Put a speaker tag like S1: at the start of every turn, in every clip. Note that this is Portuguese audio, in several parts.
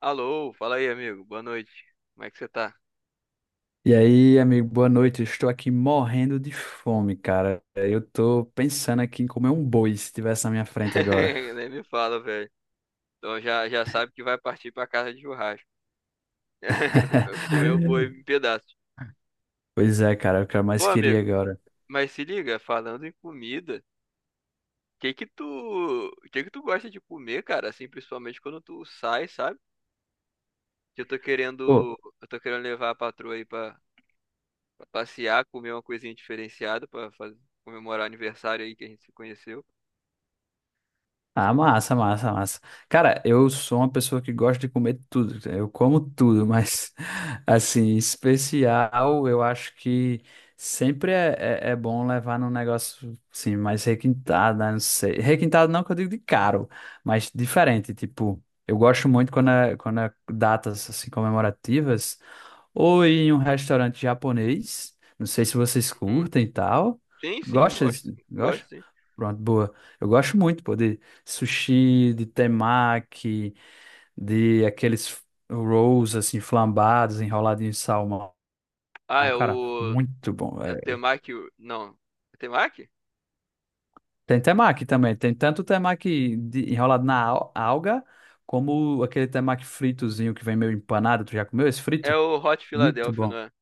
S1: Alô, fala aí, amigo. Boa noite. Como é que você tá?
S2: E aí, amigo, boa noite. Eu Estou aqui morrendo de fome, cara. Eu tô pensando aqui em comer um boi se tivesse na minha frente agora.
S1: Nem me fala, velho. Então já sabe que vai partir pra casa de churrasco. Comer o boi em pedaços.
S2: Pois é, cara, é o que eu
S1: Ô,
S2: mais queria
S1: amigo,
S2: agora.
S1: mas se liga, falando em comida, o que que tu, o que que tu gosta de comer, cara? Assim, principalmente quando tu sai, sabe? Que eu tô querendo levar a patroa aí pra passear, comer uma coisinha diferenciada pra fazer, comemorar o aniversário aí que a gente se conheceu.
S2: Ah, massa, massa, massa. Cara, eu sou uma pessoa que gosta de comer tudo. Eu como tudo, mas, assim, especial, eu acho que sempre é, é bom levar num negócio, assim, mais requintado, né? Não sei. Requintado não que eu digo de caro, mas diferente. Tipo, eu gosto muito quando quando é datas, assim, comemorativas ou em um restaurante japonês. Não sei se vocês
S1: Hum,
S2: curtem e tal.
S1: Sim, sim,
S2: Gosta?
S1: gosto, gosto
S2: Gosta?
S1: sim.
S2: Pronto, boa. Eu gosto muito, pô, de sushi, de temaki, de aqueles rolls assim flambados, enroladinhos em salmão.
S1: Ah, é
S2: Cara,
S1: o
S2: muito bom,
S1: é o
S2: velho.
S1: Temaki. Não. É Temaki?
S2: Tem temaki também. Tem tanto temaki enrolado na alga, como aquele temaki fritozinho que vem meio empanado. Tu já comeu esse
S1: É
S2: frito?
S1: o Hot
S2: Muito
S1: Philadelphia, não
S2: bom.
S1: é?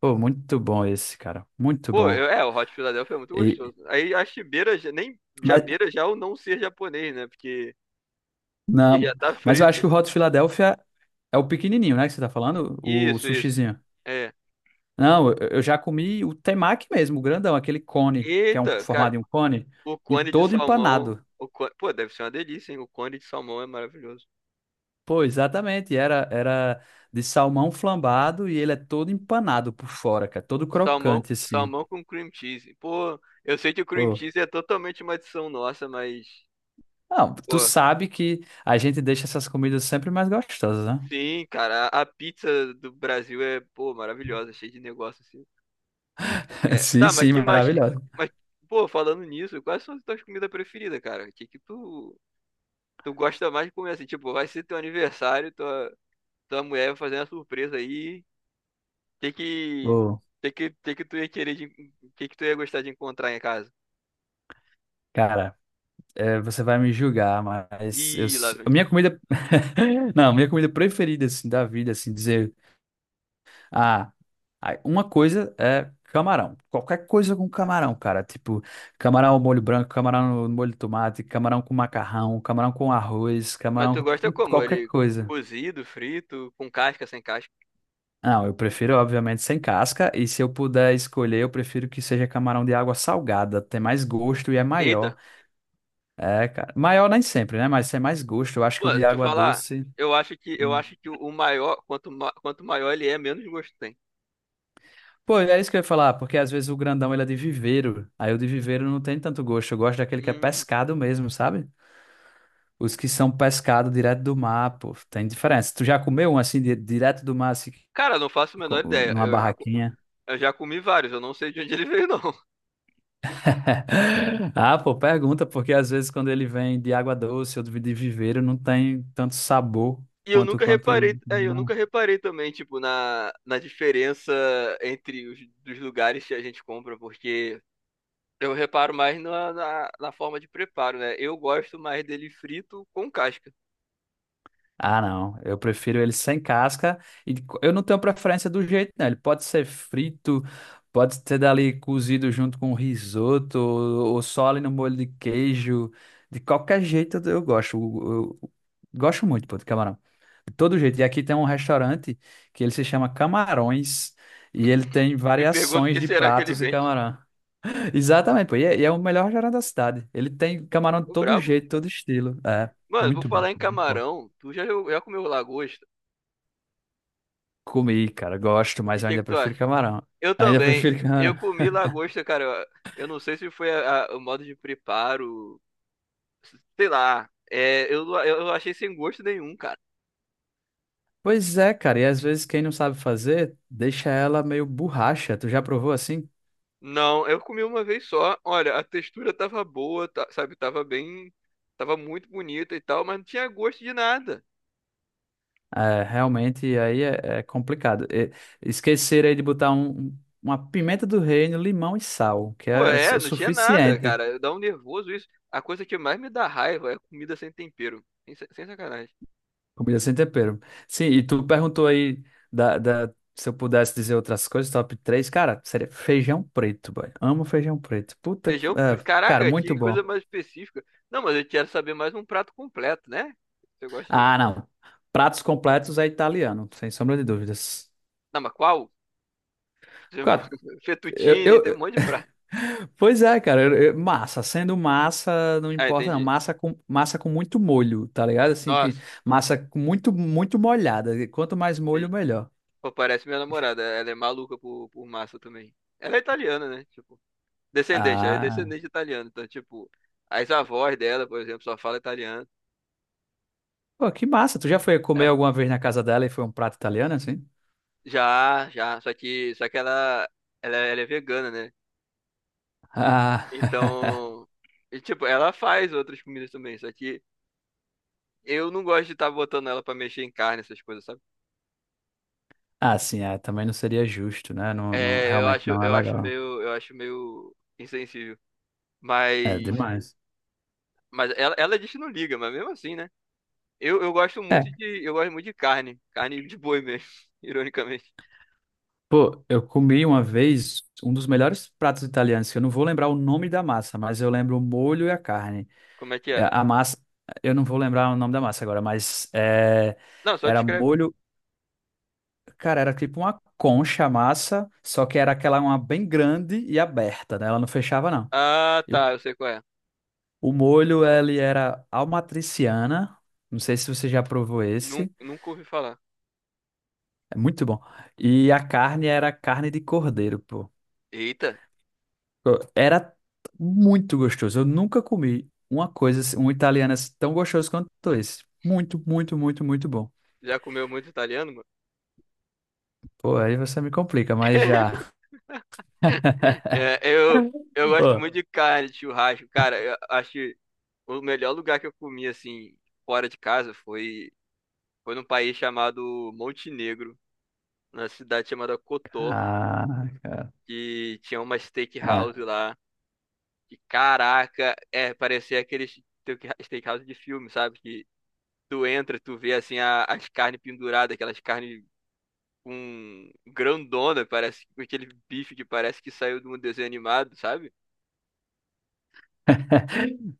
S2: Pô, muito bom esse, cara. Muito
S1: Pô,
S2: bom.
S1: é, o Hot Philadelphia é muito
S2: E,
S1: gostoso. Aí acho que beira, já- nem, já
S2: mas
S1: beira já o não ser japonês, né? Porque ele já
S2: Não,
S1: tá
S2: mas eu acho
S1: frito.
S2: que o Hot Philadelphia é o pequenininho, né, que você tá falando? O
S1: Isso, isso.
S2: sushizinho.
S1: É.
S2: Não, eu já comi o temaki mesmo, o grandão, aquele cone, que é um,
S1: Eita, cara,
S2: formado em um cone,
S1: o
S2: em,
S1: cone de
S2: todo
S1: salmão.
S2: empanado.
S1: O cone, pô, deve ser uma delícia, hein? O cone de salmão é maravilhoso.
S2: Pô, exatamente, era de salmão flambado e ele é todo empanado por fora, cara, todo crocante, assim.
S1: Salmão com cream cheese. Pô, eu sei que o cream
S2: Pô.
S1: cheese é totalmente uma adição nossa, mas.
S2: Não, tu
S1: Pô,
S2: sabe que a gente deixa essas comidas sempre mais gostosas, né?
S1: sim, cara, a pizza do Brasil é, pô, maravilhosa, cheia de negócio assim.
S2: Sim, sim,
S1: Mais, cara.
S2: maravilhosa.
S1: Mas pô, falando nisso, quais são as tuas comidas preferidas, cara? O que que tu gosta mais de comer assim? Tipo, vai ser teu aniversário, tua mulher vai fazer uma surpresa aí. O Que
S2: Pô,
S1: que tu ia querer que tu ia gostar de encontrar em casa?
S2: cara. É, você vai me julgar, mas
S1: Ih, lá
S2: a
S1: vem.
S2: minha comida. Não, a minha comida preferida, assim, da vida, assim, dizer. Ah, ai, uma coisa é camarão. Qualquer coisa com camarão, cara. Tipo, camarão ao molho branco, camarão no molho de tomate, camarão com macarrão, camarão com arroz,
S1: Mas
S2: camarão
S1: tu gosta
S2: com
S1: como?
S2: qualquer
S1: Ele
S2: coisa.
S1: cozido, frito, com casca, sem casca?
S2: Não, eu prefiro, obviamente, sem casca. E se eu puder escolher, eu prefiro que seja camarão de água salgada. Tem mais gosto e é maior.
S1: Eita.
S2: É, cara. Maior nem sempre, né? Mas tem mais gosto. Eu acho que o
S1: Pô, deixa
S2: de
S1: eu
S2: água
S1: falar,
S2: doce.
S1: eu
S2: Hum.
S1: acho que o maior, quanto maior ele é, menos gosto tem.
S2: Pô, é isso que eu ia falar, porque às vezes o grandão ele é de viveiro. Aí o de viveiro não tem tanto gosto. Eu gosto daquele que é
S1: Hum,
S2: pescado mesmo, sabe? Os que são pescado direto do mar, pô, tem diferença. Tu já comeu um assim, direto do mar, assim,
S1: cara, não faço a menor ideia.
S2: numa barraquinha?
S1: Eu já comi vários, eu não sei de onde ele veio, não.
S2: Ah, pô, pergunta, porque às vezes quando ele vem de água doce ou de viveiro, não tem tanto sabor
S1: E eu
S2: quanto
S1: nunca
S2: quanto.
S1: reparei, eu nunca reparei também, tipo, na diferença entre os dos lugares que a gente compra, porque eu reparo mais na forma de preparo, né? Eu gosto mais dele frito com casca.
S2: Ah, não. Eu prefiro ele sem casca. E eu não tenho preferência do jeito, não. Ele pode ser frito, pode ser dali cozido junto com risoto, ou só ali no molho de queijo. De qualquer jeito eu gosto. Eu gosto muito, pô, de camarão. De todo jeito. E aqui tem um restaurante que ele se chama Camarões. E ele tem
S1: Me pergunto o
S2: variações
S1: que
S2: de
S1: será que ele
S2: pratos de
S1: vende.
S2: camarão. Exatamente, pô. E é o melhor restaurante da cidade. Ele tem camarão de
S1: O
S2: todo
S1: brabo?
S2: jeito, todo estilo. É,
S1: Mano, vou
S2: muito bom,
S1: falar em
S2: muito bom.
S1: camarão. Tu já comeu lagosta?
S2: Comi, cara, gosto,
S1: E
S2: mas
S1: o
S2: eu
S1: que que
S2: ainda
S1: tu
S2: prefiro
S1: acha?
S2: camarão.
S1: Eu
S2: Ainda
S1: também.
S2: prefiro
S1: Eu
S2: camarão.
S1: comi lagosta, cara. Eu não sei se foi o modo de preparo, sei lá. É, eu achei sem gosto nenhum, cara.
S2: Pois é, cara, e às vezes quem não sabe fazer, deixa ela meio borracha. Tu já provou assim?
S1: Não, eu comi uma vez só. Olha, a textura tava boa, sabe? Tava bem, tava muito bonita e tal, mas não tinha gosto de nada.
S2: É, realmente, aí é complicado. E, esquecer aí de botar uma pimenta do reino, limão e sal, que
S1: Pô,
S2: é
S1: é,
S2: o
S1: não tinha nada,
S2: suficiente.
S1: cara. Dá um nervoso isso. A coisa que mais me dá raiva é comida sem tempero. Sem sacanagem.
S2: Comida sem tempero. Sim, e tu perguntou aí se eu pudesse dizer outras coisas, top três. Cara, seria feijão preto, boy. Amo feijão preto. Puta, é, cara,
S1: Caraca,
S2: muito
S1: que coisa
S2: bom.
S1: mais específica. Não, mas eu quero saber mais um prato completo, né? Você gosta de.
S2: Ah, não. Pratos completos é italiano, sem sombra de dúvidas.
S1: Não, mas qual? Tipo,
S2: Cara, Eu,
S1: Fettuccine,
S2: eu-
S1: tem um monte de prato.
S2: pois é, cara. Massa, sendo massa, não
S1: Ah,
S2: importa, não.
S1: entendi.
S2: Massa com muito molho, tá ligado? Assim, que
S1: Nossa,
S2: massa com muito, muito molhada. Quanto mais molho,
S1: sim.
S2: melhor.
S1: Pô, parece minha namorada. Ela é maluca por massa também. Ela é italiana, né? Tipo, descendente, ela é
S2: Ah,
S1: descendente de italiano. Então, tipo, as avós dela, por exemplo, só fala italiano.
S2: pô, que massa. Tu já foi comer
S1: É.
S2: alguma vez na casa dela e foi um prato italiano, assim?
S1: Já, já. Só que ela é vegana, né?
S2: Ah,
S1: Então. E, tipo, ela faz outras comidas também, só que. Eu não gosto de estar botando ela pra mexer em carne, essas coisas, sabe?
S2: ah, sim, é, também não seria justo, né?
S1: É,
S2: Realmente não é legal.
S1: eu acho meio insensível.
S2: É
S1: Mas,
S2: demais.
S1: mas ela diz que não liga, mas mesmo assim, né?
S2: É.
S1: Eu gosto muito de carne, carne de boi mesmo, ironicamente.
S2: Pô, eu comi uma vez um dos melhores pratos italianos, que eu não vou lembrar o nome da massa, mas eu lembro o molho e a carne.
S1: Como é que
S2: É,
S1: era?
S2: a massa, eu não vou lembrar o nome da massa agora, mas é,
S1: Não, só
S2: era
S1: descreve.
S2: molho, cara, era tipo uma concha a massa, só que era aquela uma bem grande e aberta, né? Ela não fechava, não.
S1: Ah,
S2: E o,
S1: tá, eu sei qual é.
S2: o molho, ele era almatriciana, não sei se você já provou esse,
S1: Nunca ouvi falar.
S2: é muito bom. E a carne era carne de cordeiro, pô.
S1: Eita,
S2: Era muito gostoso. Eu nunca comi uma coisa, um italiano assim tão gostoso quanto esse. Muito, muito, muito, muito bom.
S1: já comeu muito italiano, mano?
S2: Pô, aí você me complica, mas já.
S1: É, eu gosto
S2: Pô,
S1: muito de carne, de churrasco, cara. Eu acho. O melhor lugar que eu comi, assim, fora de casa foi num país chamado Montenegro, na cidade chamada Kotor,
S2: caraca.
S1: que tinha uma
S2: É.
S1: steakhouse lá. E caraca, é, parecia aqueles steakhouse de filme, sabe? Que tu entra, tu vê, assim, as carnes penduradas, aquelas carnes com grandona, parece aquele bife que parece que saiu de um desenho animado, sabe?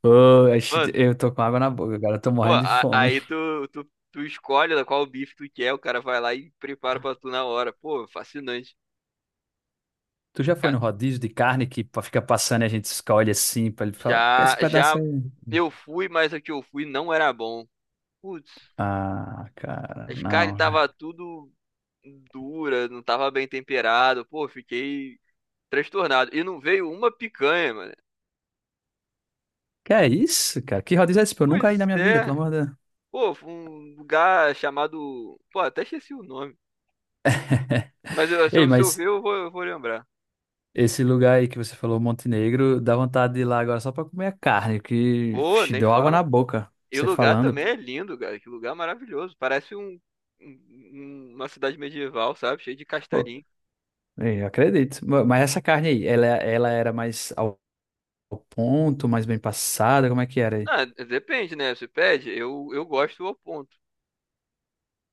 S2: Pô, ixi,
S1: Mano,
S2: eu tô com água na boca, cara. Eu tô
S1: pô,
S2: morrendo de fome.
S1: tu escolhe qual bife tu quer, o cara vai lá e prepara pra tu na hora. Pô, fascinante.
S2: Tu
S1: E,
S2: já foi
S1: ca-
S2: no rodízio de carne que fica passando e a gente escolhe assim pra ele falar, esse
S1: já
S2: pedaço aí.
S1: eu fui, mas o que eu fui não era bom. Putz,
S2: Ah, cara,
S1: as carnes
S2: não.
S1: tava tudo dura, não tava bem temperado. Pô, fiquei transtornado. E não veio uma picanha, mano.
S2: Que é isso, cara? Que rodízio é esse? Pô, eu nunca ia na
S1: Pois
S2: minha vida, pelo
S1: é.
S2: amor de Deus.
S1: Pô, foi um lugar chamado. Pô, até esqueci o nome.
S2: Ei,
S1: Se eu
S2: mas.
S1: ver, eu vou lembrar.
S2: Esse lugar aí que você falou, Montenegro, dá vontade de ir lá agora só pra comer a carne, que
S1: Pô,
S2: vixe,
S1: nem
S2: deu água na
S1: fala.
S2: boca,
S1: E o
S2: você
S1: lugar
S2: falando.
S1: também é lindo, cara. Que lugar maravilhoso. Parece uma cidade medieval, sabe? Cheio de
S2: Pô,
S1: castelinho.
S2: é, eu acredito. Mas essa carne aí, ela era mais ao ponto, mais bem passada, como é que era aí?
S1: Ah, depende, né? Você pede, eu gosto ao ponto.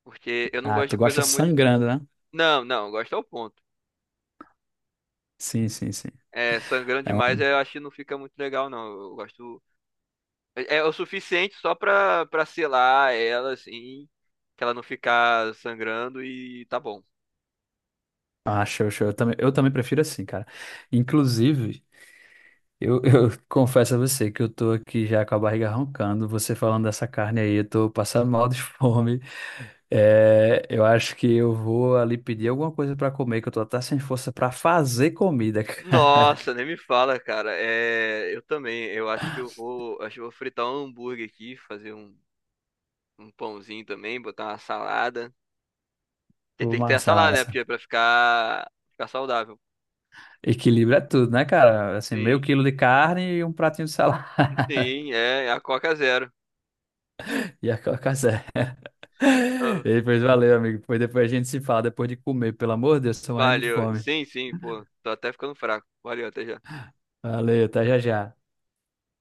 S1: Porque eu não
S2: Ah,
S1: gosto de
S2: tu gosta
S1: coisa muito.
S2: sangrando, né?
S1: Não, não, eu gosto ao ponto.
S2: Sim, sim, sim.
S1: É, sangrando
S2: É
S1: demais,
S2: uma...
S1: eu acho que não fica muito legal, não. Eu gosto. É é o suficiente só pra selar ela, assim. Que ela não ficar sangrando e tá bom.
S2: Ah, show, show. Eu também prefiro assim, cara. Inclusive, eu confesso a você que eu tô aqui já com a barriga roncando. Você falando dessa carne aí, eu tô passando mal de fome. É, eu acho que eu vou ali pedir alguma coisa pra comer, que eu tô até sem força pra fazer comida, cara.
S1: Nossa, nem me fala, cara. É, eu também. Eu acho que eu vou, acho que eu vou fritar um hambúrguer aqui, fazer um pãozinho também, botar uma salada. Porque
S2: Pô,
S1: tem que ter a
S2: massa,
S1: salada, né? Porque
S2: massa.
S1: é pra ficar saudável.
S2: Equilíbrio é tudo, né, cara? Assim, meio
S1: Sim,
S2: quilo de carne e um pratinho de salada.
S1: sim, é, é a Coca Zero.
S2: E a Coca Zero. E
S1: Ah,
S2: depois valeu, amigo. Depois, depois a gente se fala depois de comer. Pelo amor de Deus, tô morrendo de
S1: valeu.
S2: fome.
S1: Sim, sim, pô. Tô até ficando fraco. Valeu, até já.
S2: Valeu, até já já.